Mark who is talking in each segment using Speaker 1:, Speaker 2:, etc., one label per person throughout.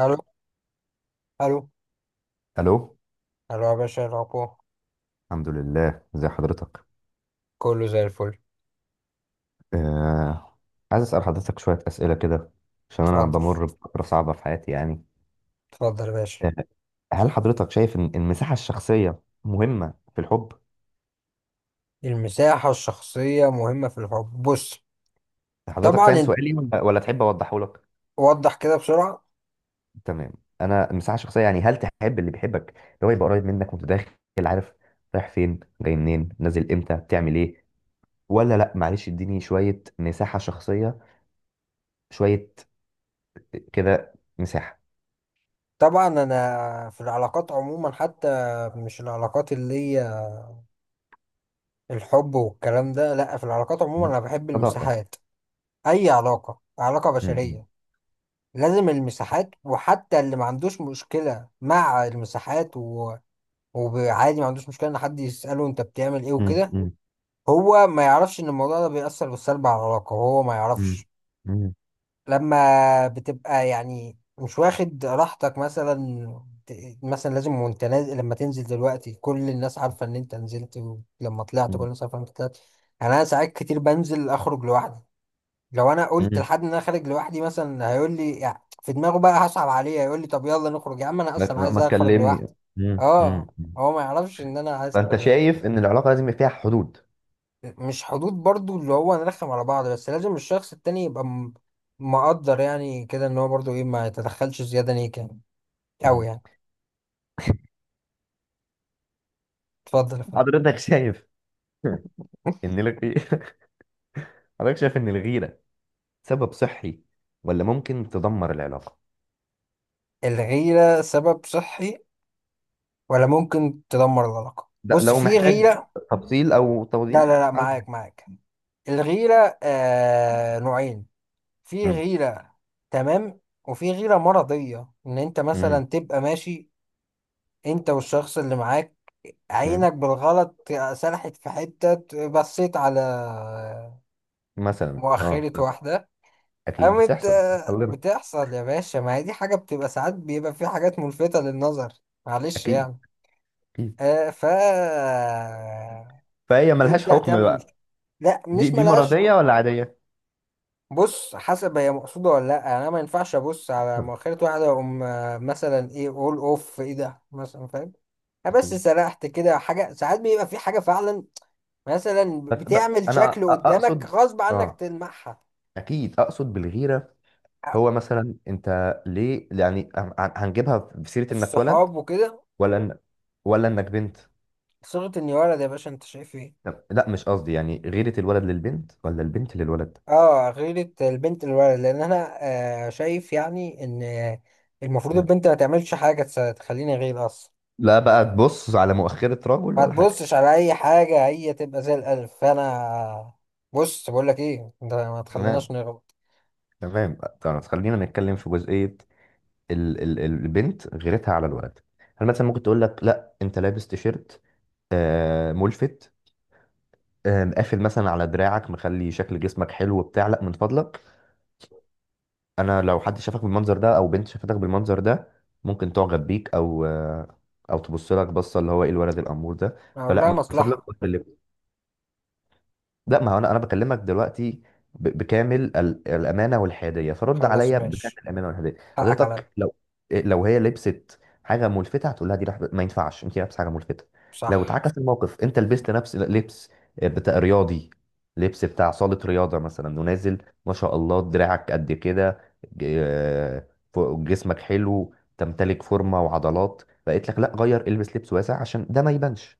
Speaker 1: الو. الو.
Speaker 2: الو.
Speaker 1: الو يا باشا، إيه الاخبار؟
Speaker 2: الحمد لله، ازي حضرتك؟
Speaker 1: كله زي الفل.
Speaker 2: آه. عايز اسال حضرتك شويه اسئله كده، عشان انا
Speaker 1: اتفضل،
Speaker 2: بمر بفتره صعبه في حياتي يعني.
Speaker 1: اتفضل يا باشا.
Speaker 2: آه. هل حضرتك شايف إن المساحه الشخصيه مهمه في الحب؟
Speaker 1: المساحة الشخصية مهمة في الحب، بص.
Speaker 2: حضرتك
Speaker 1: طبعا
Speaker 2: فاهم
Speaker 1: انت،
Speaker 2: سؤالي ولا تحب اوضحه لك؟
Speaker 1: وضح كده بسرعة.
Speaker 2: تمام. انا المساحه الشخصيه يعني، هل تحب اللي بيحبك اللي هو يبقى قريب منك وانت داخل، عارف رايح فين، جاي منين، نازل امتى، بتعمل ايه؟ ولا لا، معلش اديني شويه مساحه شخصيه، شويه كده، مساحه،
Speaker 1: طبعا انا في العلاقات عموما حتى، مش العلاقات اللي هي الحب والكلام ده، لا، في العلاقات عموما انا بحب
Speaker 2: صداقه.
Speaker 1: المساحات. اي علاقة، علاقة بشرية، لازم المساحات. وحتى اللي ما عندوش مشكلة مع المساحات وعادي ما عندوش مشكلة ان حد يسأله انت بتعمل ايه
Speaker 2: مم.
Speaker 1: وكده.
Speaker 2: مم.
Speaker 1: هو ما يعرفش ان الموضوع ده بيأثر بالسلب على العلاقة، هو ما
Speaker 2: مم.
Speaker 1: يعرفش.
Speaker 2: مم.
Speaker 1: لما بتبقى يعني مش واخد راحتك، مثلا مثلا لازم وانت نازل، لما تنزل دلوقتي كل الناس عارفة ان انت نزلت، ولما طلعت كل
Speaker 2: مم.
Speaker 1: الناس عارفة ان انت طلعت. يعني انا ساعات كتير بنزل اخرج لوحدي. لو انا قلت
Speaker 2: مم.
Speaker 1: لحد ان انا خارج لوحدي مثلا هيقول لي، يعني في دماغه بقى هصعب عليه، هيقول لي طب يلا نخرج يا عم، انا اصلا عايز
Speaker 2: ما
Speaker 1: اخرج
Speaker 2: تكلمني.
Speaker 1: لوحدي.
Speaker 2: مم. مم.
Speaker 1: اه، هو ما يعرفش ان انا عايز.
Speaker 2: فانت شايف ان العلاقه لازم يبقى فيها حدود؟
Speaker 1: مش حدود برضو اللي هو نرخم على بعض، بس لازم الشخص التاني يبقى مقدر يعني كده ان هو برضو، ايه، ما يتدخلش زيادة ليك يعني. أوي
Speaker 2: مم.
Speaker 1: يعني. اتفضل يا فندم.
Speaker 2: حضرتك شايف ان الغي... حضرتك شايف ان الغيره سبب صحي ولا ممكن تدمر العلاقه؟
Speaker 1: الغيرة سبب صحي ولا ممكن تدمر العلاقة؟
Speaker 2: ده
Speaker 1: بص،
Speaker 2: لو
Speaker 1: في
Speaker 2: محتاج
Speaker 1: غيرة.
Speaker 2: تفصيل او
Speaker 1: لا لا
Speaker 2: توضيح
Speaker 1: لا،
Speaker 2: أنا.
Speaker 1: معاك معاك. الغيرة نوعين. في
Speaker 2: مم.
Speaker 1: غيرة، تمام، وفي غيرة مرضية. ان انت
Speaker 2: مم.
Speaker 1: مثلا تبقى ماشي، انت والشخص اللي معاك،
Speaker 2: مم.
Speaker 1: عينك بالغلط سرحت في حتة، بصيت على
Speaker 2: مثلا اه ف-
Speaker 1: مؤخرة واحدة،
Speaker 2: اكيد
Speaker 1: قامت
Speaker 2: بتحصل بتحصل لنا.
Speaker 1: بتحصل يا باشا، ما هي دي حاجة بتبقى، ساعات بيبقى في حاجات ملفتة للنظر، معلش
Speaker 2: اكيد
Speaker 1: يعني.
Speaker 2: اكيد.
Speaker 1: آه ف
Speaker 2: فهي ملهاش
Speaker 1: تبدأ
Speaker 2: حكم
Speaker 1: تعمل
Speaker 2: بقى.
Speaker 1: مشكلة. لا،
Speaker 2: دي
Speaker 1: مش
Speaker 2: دي
Speaker 1: ملهاش
Speaker 2: مرضيه
Speaker 1: حق.
Speaker 2: ولا عاديه؟
Speaker 1: بص، حسب هي مقصودة ولا لا. يعني انا ما ينفعش ابص على مؤخرة واحدة واقوم مثلا ايه، اول اوف ايه ده مثلا، فاهم؟ أنا بس
Speaker 2: اكيد.
Speaker 1: سرحت كده حاجة. ساعات بيبقى في حاجة فعلا مثلا
Speaker 2: بس
Speaker 1: بتعمل
Speaker 2: انا
Speaker 1: شكل قدامك
Speaker 2: اقصد،
Speaker 1: غصب عنك
Speaker 2: اه
Speaker 1: تلمحها.
Speaker 2: اكيد اقصد بالغيره.
Speaker 1: آه،
Speaker 2: هو مثلا انت، هنجيبها في سيره انك ولد
Speaker 1: الصحاب وكده.
Speaker 2: ولا إن... ولا انك بنت؟
Speaker 1: صيغة اني ولد يا باشا، انت شايف ايه؟
Speaker 2: لا مش قصدي، يعني غيره الولد للبنت ولا البنت للولد.
Speaker 1: اه، غيرة البنت الولد، لان انا شايف يعني ان المفروض
Speaker 2: مم.
Speaker 1: البنت ما تعملش حاجة تخليني غير اصلا.
Speaker 2: لا بقى تبص على مؤخره رجل
Speaker 1: ما
Speaker 2: ولا حاجه.
Speaker 1: تبصش على اي حاجة، هي تبقى زي الالف. فانا بص بقول لك ايه، انت ما تخليناش
Speaker 2: تمام
Speaker 1: نغلط.
Speaker 2: تمام. طب خلينا نتكلم في جزئيه، البنت غيرتها على الولد. هل مثلا ممكن تقول لك لا انت لابس تيشيرت آه ملفت، مقافل مثلا على دراعك، مخلي شكل جسمك حلو بتاع، لا من فضلك. انا لو حد شافك بالمنظر ده، او بنت شافتك بالمنظر ده، ممكن تعجب بيك، او او تبص لك بصه، اللي هو ايه الولد الامور ده.
Speaker 1: اقول
Speaker 2: فلا
Speaker 1: لها
Speaker 2: من فضلك.
Speaker 1: مصلحة.
Speaker 2: لا ما هو انا بكلمك دلوقتي بكامل الامانه والحياديه، فرد
Speaker 1: خلاص،
Speaker 2: عليا بكامل
Speaker 1: ماشي،
Speaker 2: الامانه والحياديه.
Speaker 1: حقك عليا.
Speaker 2: حضرتك لو لو هي لبست حاجه ملفته هتقول لها دي ما ينفعش انت لابسه حاجه ملفته. لو
Speaker 1: صح.
Speaker 2: اتعكس الموقف، انت لبست نفس لبس بتاع رياضي، لبس بتاع صاله رياضه مثلا، ونازل، ما شاء الله دراعك قد كده، ج- آه، جسمك حلو، تمتلك فورمه وعضلات، بقيت لك لا غير، البس لبس واسع عشان ده ما يبانش.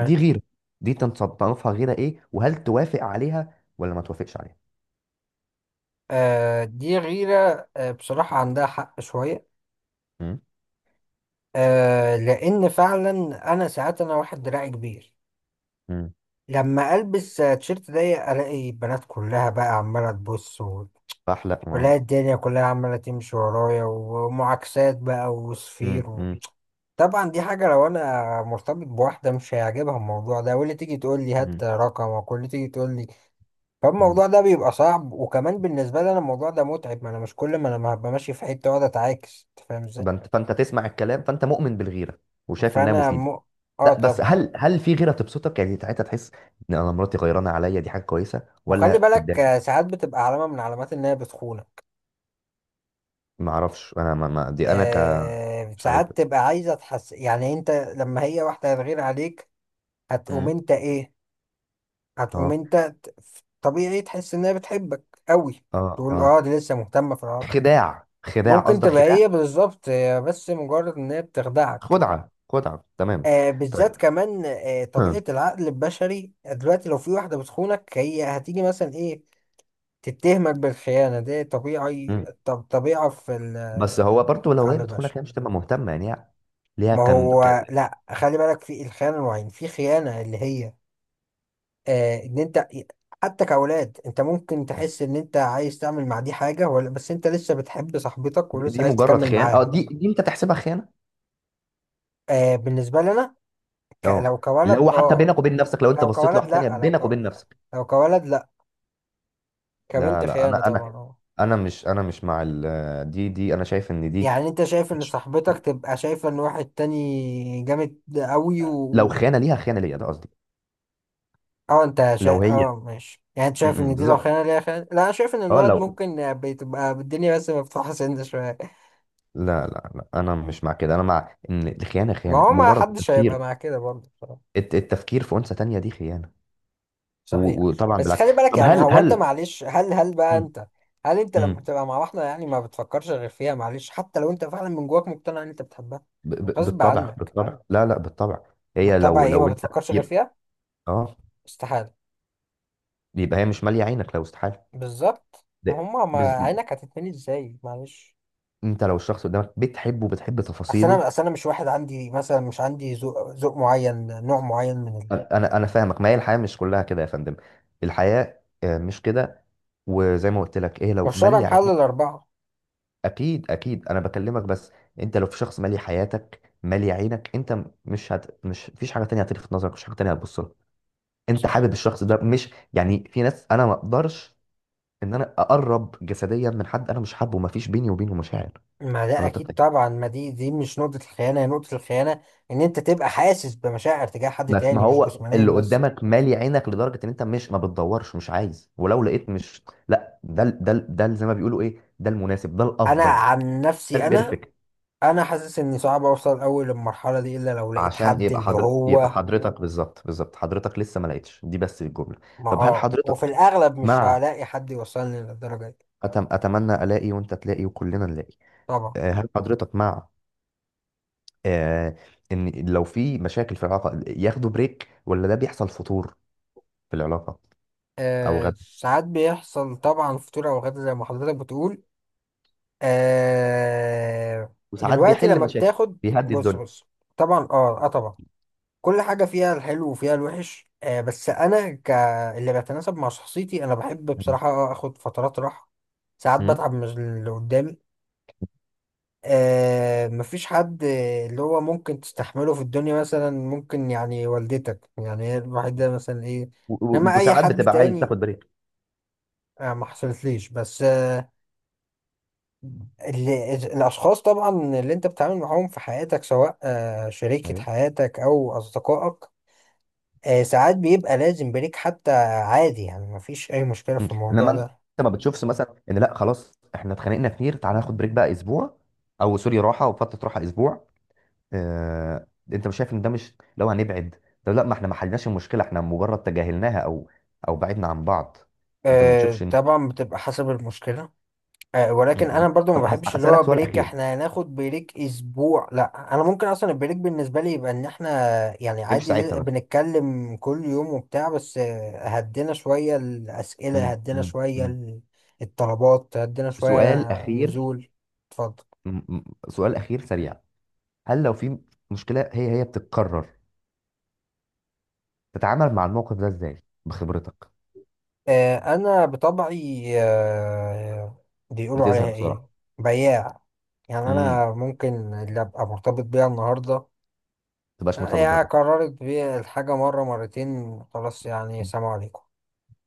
Speaker 2: دي غيرة، دي تنصنفها غيرة ايه؟ وهل توافق عليها ولا ما توافقش عليها؟
Speaker 1: دي غيرة. آه، بصراحة عندها حق شوية.
Speaker 2: مم.
Speaker 1: آه، لان فعلا انا ساعات، انا واحد دراعي كبير،
Speaker 2: مم.
Speaker 1: لما البس تيشيرت ضيق الاقي البنات كلها بقى عماله تبص
Speaker 2: فاحلى واو.
Speaker 1: والاقي الدنيا كلها عماله تمشي ورايا ومعاكسات بقى
Speaker 2: مم.
Speaker 1: وصفير
Speaker 2: مم.
Speaker 1: طبعا دي حاجه لو انا مرتبط بواحده مش هيعجبها الموضوع ده، واللي تيجي تقول لي هات
Speaker 2: مم.
Speaker 1: رقمك واللي تيجي تقول لي.
Speaker 2: مم.
Speaker 1: فالموضوع ده بيبقى صعب، وكمان بالنسبه لي انا الموضوع ده متعب، ما انا مش كل ما انا هبقى ماشي في حته واقعد اتعاكس، أنت فاهم ازاي.
Speaker 2: فانت تسمع الكلام. فانت مؤمن بالغيرة وشايف انها
Speaker 1: فانا
Speaker 2: مفيدة؟
Speaker 1: م... اه
Speaker 2: لا بس،
Speaker 1: طبعا.
Speaker 2: هل في غيرة تبسطك، يعني ساعتها تحس ان انا مراتي غيرانة عليا دي حاجة كويسة،
Speaker 1: وخلي
Speaker 2: ولا
Speaker 1: بالك،
Speaker 2: تتضايق؟
Speaker 1: ساعات بتبقى علامه من علامات ان هي بتخون.
Speaker 2: ما اعرفش، انا ما دي انا مش عارف.
Speaker 1: ساعات تبقى عايزة تحس يعني، انت لما هي واحدة هتغير عليك هتقوم
Speaker 2: مم.
Speaker 1: انت ايه؟ هتقوم
Speaker 2: اه
Speaker 1: انت ت- طبيعي تحس انها بتحبك قوي،
Speaker 2: اه
Speaker 1: تقول
Speaker 2: اه.
Speaker 1: اه دي لسه مهتمة في العلاقة.
Speaker 2: خداع، خداع
Speaker 1: ممكن
Speaker 2: قصدك،
Speaker 1: تبقى
Speaker 2: خداع.
Speaker 1: هي بالظبط، هي بس مجرد ان هي بتخدعك.
Speaker 2: خدعة خدعة، تمام.
Speaker 1: بالذات
Speaker 2: طيب.
Speaker 1: كمان، طبيعة العقل البشري دلوقتي، لو في واحدة بتخونك هي هتيجي مثلا ايه تتهمك بالخيانة، دي طبيعي،
Speaker 2: مم.
Speaker 1: طب طبيعة في
Speaker 2: بس هو برضه لو هي
Speaker 1: العقل البشري.
Speaker 2: بتخونك هي مش تبقى مهتمه، ليها.
Speaker 1: ما
Speaker 2: كان كان،
Speaker 1: هو لا، خلي بالك، في الخيانة نوعين. في خيانة اللي هي ان انت، حتى كأولاد، انت ممكن تحس ان انت عايز تعمل مع دي حاجة ولا بس انت لسه بتحب صاحبتك ولسه
Speaker 2: دي
Speaker 1: عايز
Speaker 2: مجرد
Speaker 1: تكمل
Speaker 2: خيانه؟ اه
Speaker 1: معاها.
Speaker 2: دي انت تحسبها خيانه؟
Speaker 1: آه، بالنسبة لي انا
Speaker 2: اه،
Speaker 1: لو
Speaker 2: اللي
Speaker 1: كولد
Speaker 2: هو حتى
Speaker 1: اه،
Speaker 2: بينك وبين نفسك، لو انت
Speaker 1: لو
Speaker 2: بصيت
Speaker 1: كولد
Speaker 2: لواحده تانيه
Speaker 1: لا لو ك...
Speaker 2: بينك وبين نفسك.
Speaker 1: لو كولد لا، كبنت
Speaker 2: لا لا، انا
Speaker 1: خيانة طبعا
Speaker 2: انا
Speaker 1: اه.
Speaker 2: انا مش، انا مش مع دي انا شايف ان دي
Speaker 1: يعني انت شايف ان
Speaker 2: مش-
Speaker 1: صاحبتك تبقى شايفة ان واحد تاني جامد قوي؟
Speaker 2: لو خيانه ليها، خيانه ليا، ده قصدي.
Speaker 1: اه، انت شايف،
Speaker 2: لو هي،
Speaker 1: ماشي. يعني انت
Speaker 2: م-
Speaker 1: شايف
Speaker 2: م،
Speaker 1: ان دي لو
Speaker 2: بالظبط.
Speaker 1: خيانة ليها خيانة؟ لا، انا شايف ان
Speaker 2: اه
Speaker 1: الولد
Speaker 2: لو.
Speaker 1: ممكن بتبقى الدنيا بس مفتوحة سن شوية.
Speaker 2: لا لا لا، انا مش مع كده، انا مع ان الخيانه
Speaker 1: ما
Speaker 2: خيانه،
Speaker 1: هو ما
Speaker 2: مجرد
Speaker 1: حدش هيبقى
Speaker 2: التفكير،
Speaker 1: مع كده برضه بصراحة.
Speaker 2: التفكير في انثى تانيه دي خيانه.
Speaker 1: صحيح.
Speaker 2: وطبعا
Speaker 1: بس
Speaker 2: بالعكس.
Speaker 1: خلي بالك
Speaker 2: طب
Speaker 1: يعني،
Speaker 2: هل
Speaker 1: هو انت
Speaker 2: هل
Speaker 1: معلش،
Speaker 2: م-
Speaker 1: هل انت
Speaker 2: م.
Speaker 1: لما بتبقى مع واحدة يعني ما بتفكرش غير فيها؟ معلش، حتى لو انت فعلا من جواك مقتنع ان انت بتحبها غصب
Speaker 2: بالطبع
Speaker 1: عنك،
Speaker 2: بالطبع، لا لا بالطبع. هي
Speaker 1: بالطبع
Speaker 2: لو
Speaker 1: ايه، ما
Speaker 2: لو انت
Speaker 1: بتفكرش غير
Speaker 2: يبقى
Speaker 1: فيها،
Speaker 2: اه
Speaker 1: استحالة.
Speaker 2: يبقى هي مش ماليه عينك، لو استحاله.
Speaker 1: بالظبط، ما
Speaker 2: ده-
Speaker 1: هما، ما
Speaker 2: بز...
Speaker 1: عينك هتتمني ازاي؟ معلش.
Speaker 2: انت لو الشخص قدامك بتحبه، بتحب
Speaker 1: اصل
Speaker 2: تفاصيله.
Speaker 1: انا اصل انا مش واحد عندي مثلا، مش عندي ذوق معين، نوع معين
Speaker 2: انا انا أنا فاهمك، ما هي الحياه مش كلها كده يا فندم، الحياه مش كده. وزي ما قلت لك ايه، لو
Speaker 1: والشرع
Speaker 2: ماليه عينك.
Speaker 1: محل الاربعه.
Speaker 2: اكيد اكيد، انا بكلمك. بس انت لو في شخص مالي حياتك، مالي عينك، انت مش مش فيش حاجه تانية هتلفت نظرك، مش حاجه تانية هتبص لها. انت
Speaker 1: صح.
Speaker 2: حابب الشخص ده. مش يعني في ناس، انا ما اقدرش ان انا اقرب جسديا من حد انا مش حابه، ومفيش بيني وبينه مشاعر.
Speaker 1: ما ده
Speaker 2: حضرتك
Speaker 1: اكيد
Speaker 2: فاهم؟
Speaker 1: طبعا، ما دي مش نقطه الخيانه، هي نقطه الخيانه ان انت تبقى حاسس بمشاعر تجاه حد
Speaker 2: ما ما
Speaker 1: تاني، مش
Speaker 2: هو
Speaker 1: جسمانيا
Speaker 2: اللي
Speaker 1: بس.
Speaker 2: قدامك مالي عينك لدرجه ان انت مش ما بتدورش، مش عايز، ولو لقيت مش. لا زي ما بيقولوا ايه، ده المناسب، ده
Speaker 1: انا
Speaker 2: الافضل،
Speaker 1: عن
Speaker 2: ده
Speaker 1: نفسي، انا
Speaker 2: البرفكت.
Speaker 1: انا حاسس اني صعب اوصل قوي للمرحله دي، الا لو لقيت
Speaker 2: عشان
Speaker 1: حد
Speaker 2: يبقى،
Speaker 1: اللي
Speaker 2: يبقى
Speaker 1: هو
Speaker 2: حضرتك بالظبط، بالظبط. حضرتك لسه ما لقيتش دي، بس الجمله.
Speaker 1: ما.
Speaker 2: طب هل
Speaker 1: اه،
Speaker 2: حضرتك
Speaker 1: وفي الاغلب مش
Speaker 2: مع،
Speaker 1: هلاقي حد يوصلني للدرجه دي.
Speaker 2: اتمنى الاقي وانت تلاقي وكلنا نلاقي.
Speaker 1: طبعا.
Speaker 2: هل حضرتك مع آه، ان لو في مشاكل في العلاقه ياخدوا بريك، ولا ده بيحصل فتور في العلاقة؟ أو غد.
Speaker 1: ساعات بيحصل طبعا، فطور او غدا زي ما حضرتك بتقول. آه
Speaker 2: وساعات
Speaker 1: دلوقتي
Speaker 2: بيحل
Speaker 1: لما
Speaker 2: مشاكل،
Speaker 1: بتاخد،
Speaker 2: بيهدي
Speaker 1: بص
Speaker 2: الدنيا.
Speaker 1: بص. طبعا، اه اه، طبعا. كل حاجة فيها الحلو وفيها الوحش. بس انا اللي بيتناسب مع شخصيتي، انا بحب
Speaker 2: مم.
Speaker 1: بصراحة اخد فترات راحة. ساعات
Speaker 2: مم.
Speaker 1: بتعب من اللي قدامي. مفيش حد اللي هو ممكن تستحمله في الدنيا، مثلا ممكن يعني والدتك يعني، هي الوحيدة مثلا ايه، انما اي
Speaker 2: وساعات
Speaker 1: حد
Speaker 2: بتبقى عايز
Speaker 1: تاني.
Speaker 2: تاخد بريك.
Speaker 1: آه، ما حصلتليش. بس، ال- ال- الأشخاص طبعا اللي أنت بتتعامل معاهم في حياتك، سواء شريكة
Speaker 2: أيوه.
Speaker 1: حياتك أو أصدقائك، ساعات بيبقى لازم بريك حتى، عادي يعني، مفيش أي مشكلة
Speaker 2: مم.
Speaker 1: في الموضوع
Speaker 2: انما انت،
Speaker 1: ده.
Speaker 2: ما بتشوفش مثلا ان لا خلاص احنا اتخانقنا كتير، تعالى ناخد بريك بقى اسبوع، او سوري، راحه وفتره راحه اسبوع. اه. انت مش شايف ان ده، مش لو هنبعد، طب لا ما احنا ما حلناش المشكله، احنا مجرد تجاهلناها، او او بعدنا عن بعض؟ انت ما بتشوفش
Speaker 1: آه،
Speaker 2: ان.
Speaker 1: طبعا بتبقى حسب المشكلة. آه،
Speaker 2: مم.
Speaker 1: ولكن انا
Speaker 2: مم.
Speaker 1: برضو ما
Speaker 2: طب
Speaker 1: بحبش اللي هو
Speaker 2: هسالك سؤال
Speaker 1: بريك
Speaker 2: اخير.
Speaker 1: احنا هناخد بريك اسبوع، لا، انا ممكن اصلا البريك بالنسبه لي يبقى ان احنا يعني
Speaker 2: مش
Speaker 1: عادي،
Speaker 2: ساعتها بقى.
Speaker 1: بنتكلم كل يوم وبتاع، بس هدينا شويه الاسئله،
Speaker 2: مم.
Speaker 1: هدينا
Speaker 2: مم.
Speaker 1: شويه
Speaker 2: مم.
Speaker 1: الطلبات، هدينا شويه
Speaker 2: سؤال اخير.
Speaker 1: نزول. اتفضل.
Speaker 2: م- م- سؤال اخير سريع، هل لو في مشكلة هي بتتكرر، تتعامل مع الموقف ده ازاي بخبرتك؟
Speaker 1: انا بطبعي بيقولوا عليها
Speaker 2: بتزهق
Speaker 1: ايه،
Speaker 2: بسرعة.
Speaker 1: بياع. يعني
Speaker 2: ما
Speaker 1: انا ممكن اللي ابقى مرتبط بيها النهارده،
Speaker 2: تبقاش مرتبط
Speaker 1: هي
Speaker 2: بابه.
Speaker 1: قررت بيه الحاجة مرة مرتين، خلاص، يعني سلام عليكم.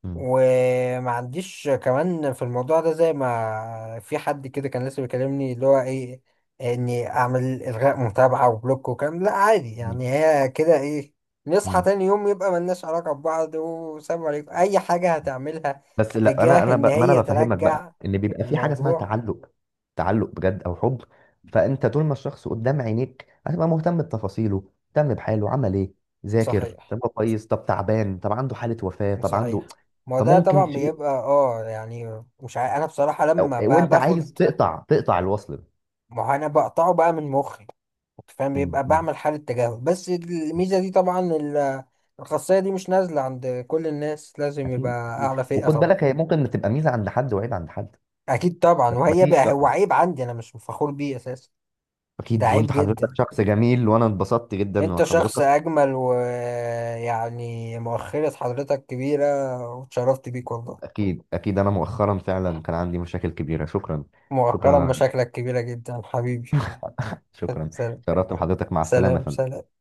Speaker 2: مم.
Speaker 1: وما عنديش كمان في الموضوع ده، زي ما في حد كده كان لسه بيكلمني اللي هو ايه، اني اعمل الغاء متابعة وبلوك وكلام، لا، عادي
Speaker 2: مم.
Speaker 1: يعني، هي كده ايه، نصحى
Speaker 2: مم.
Speaker 1: تاني يوم يبقى ملناش علاقة ببعض، وسلام عليكم اي حاجة هتعملها
Speaker 2: بس لا،
Speaker 1: تجاه ان
Speaker 2: ما انا
Speaker 1: هي
Speaker 2: بفهمك بقى
Speaker 1: ترجع
Speaker 2: ان بيبقى في حاجة اسمها
Speaker 1: الموضوع.
Speaker 2: تعلق، تعلق بجد او حب. فانت طول ما الشخص قدام عينيك، هتبقى مهتم بتفاصيله، مهتم بحاله، عمل ايه، ذاكر،
Speaker 1: صحيح،
Speaker 2: طب هو كويس، طب تعبان، طب عنده حالة وفاة، طب عنده.
Speaker 1: صحيح. ما هو ده
Speaker 2: فممكن
Speaker 1: طبعا
Speaker 2: شيء.
Speaker 1: بيبقى اه يعني، مش عارف انا بصراحة لما
Speaker 2: وانت عايز
Speaker 1: باخد.
Speaker 2: تقطع تقطع الوصل ده.
Speaker 1: ما هو انا بقطعه بقى من مخي، انت فاهم،
Speaker 2: مم.
Speaker 1: بيبقى
Speaker 2: مم.
Speaker 1: بعمل حالة تجاهل. بس الميزة دي طبعا، الخاصية دي مش نازلة عند كل الناس، لازم يبقى
Speaker 2: اكيد اكيد،
Speaker 1: اعلى فئة
Speaker 2: وخد
Speaker 1: طبعا.
Speaker 2: بالك، هي ممكن تبقى ميزه عند حد، وعيب عند حد.
Speaker 1: اكيد طبعا،
Speaker 2: بس
Speaker 1: وهي
Speaker 2: مفيش
Speaker 1: بقى هو
Speaker 2: رأي.
Speaker 1: عيب عندي انا، مش فخور بيه اساسا. ده
Speaker 2: اكيد،
Speaker 1: عيب
Speaker 2: وانت حضرتك
Speaker 1: جدا.
Speaker 2: شخص جميل، وانا اتبسطت جدا،
Speaker 1: انت شخص
Speaker 2: وحضرتك.
Speaker 1: اجمل، ويعني مؤخرة حضرتك كبيرة، واتشرفت بيك والله.
Speaker 2: اكيد اكيد، انا مؤخرا فعلا كان عندي مشاكل كبيره. شكرا.
Speaker 1: مؤخرا
Speaker 2: شكرا.
Speaker 1: مشاكلك كبيرة جدا حبيبي.
Speaker 2: شكرا.
Speaker 1: سلام.
Speaker 2: شرفت بحضرتك، مع السلامه يا
Speaker 1: سلام.
Speaker 2: فندم.
Speaker 1: سلام.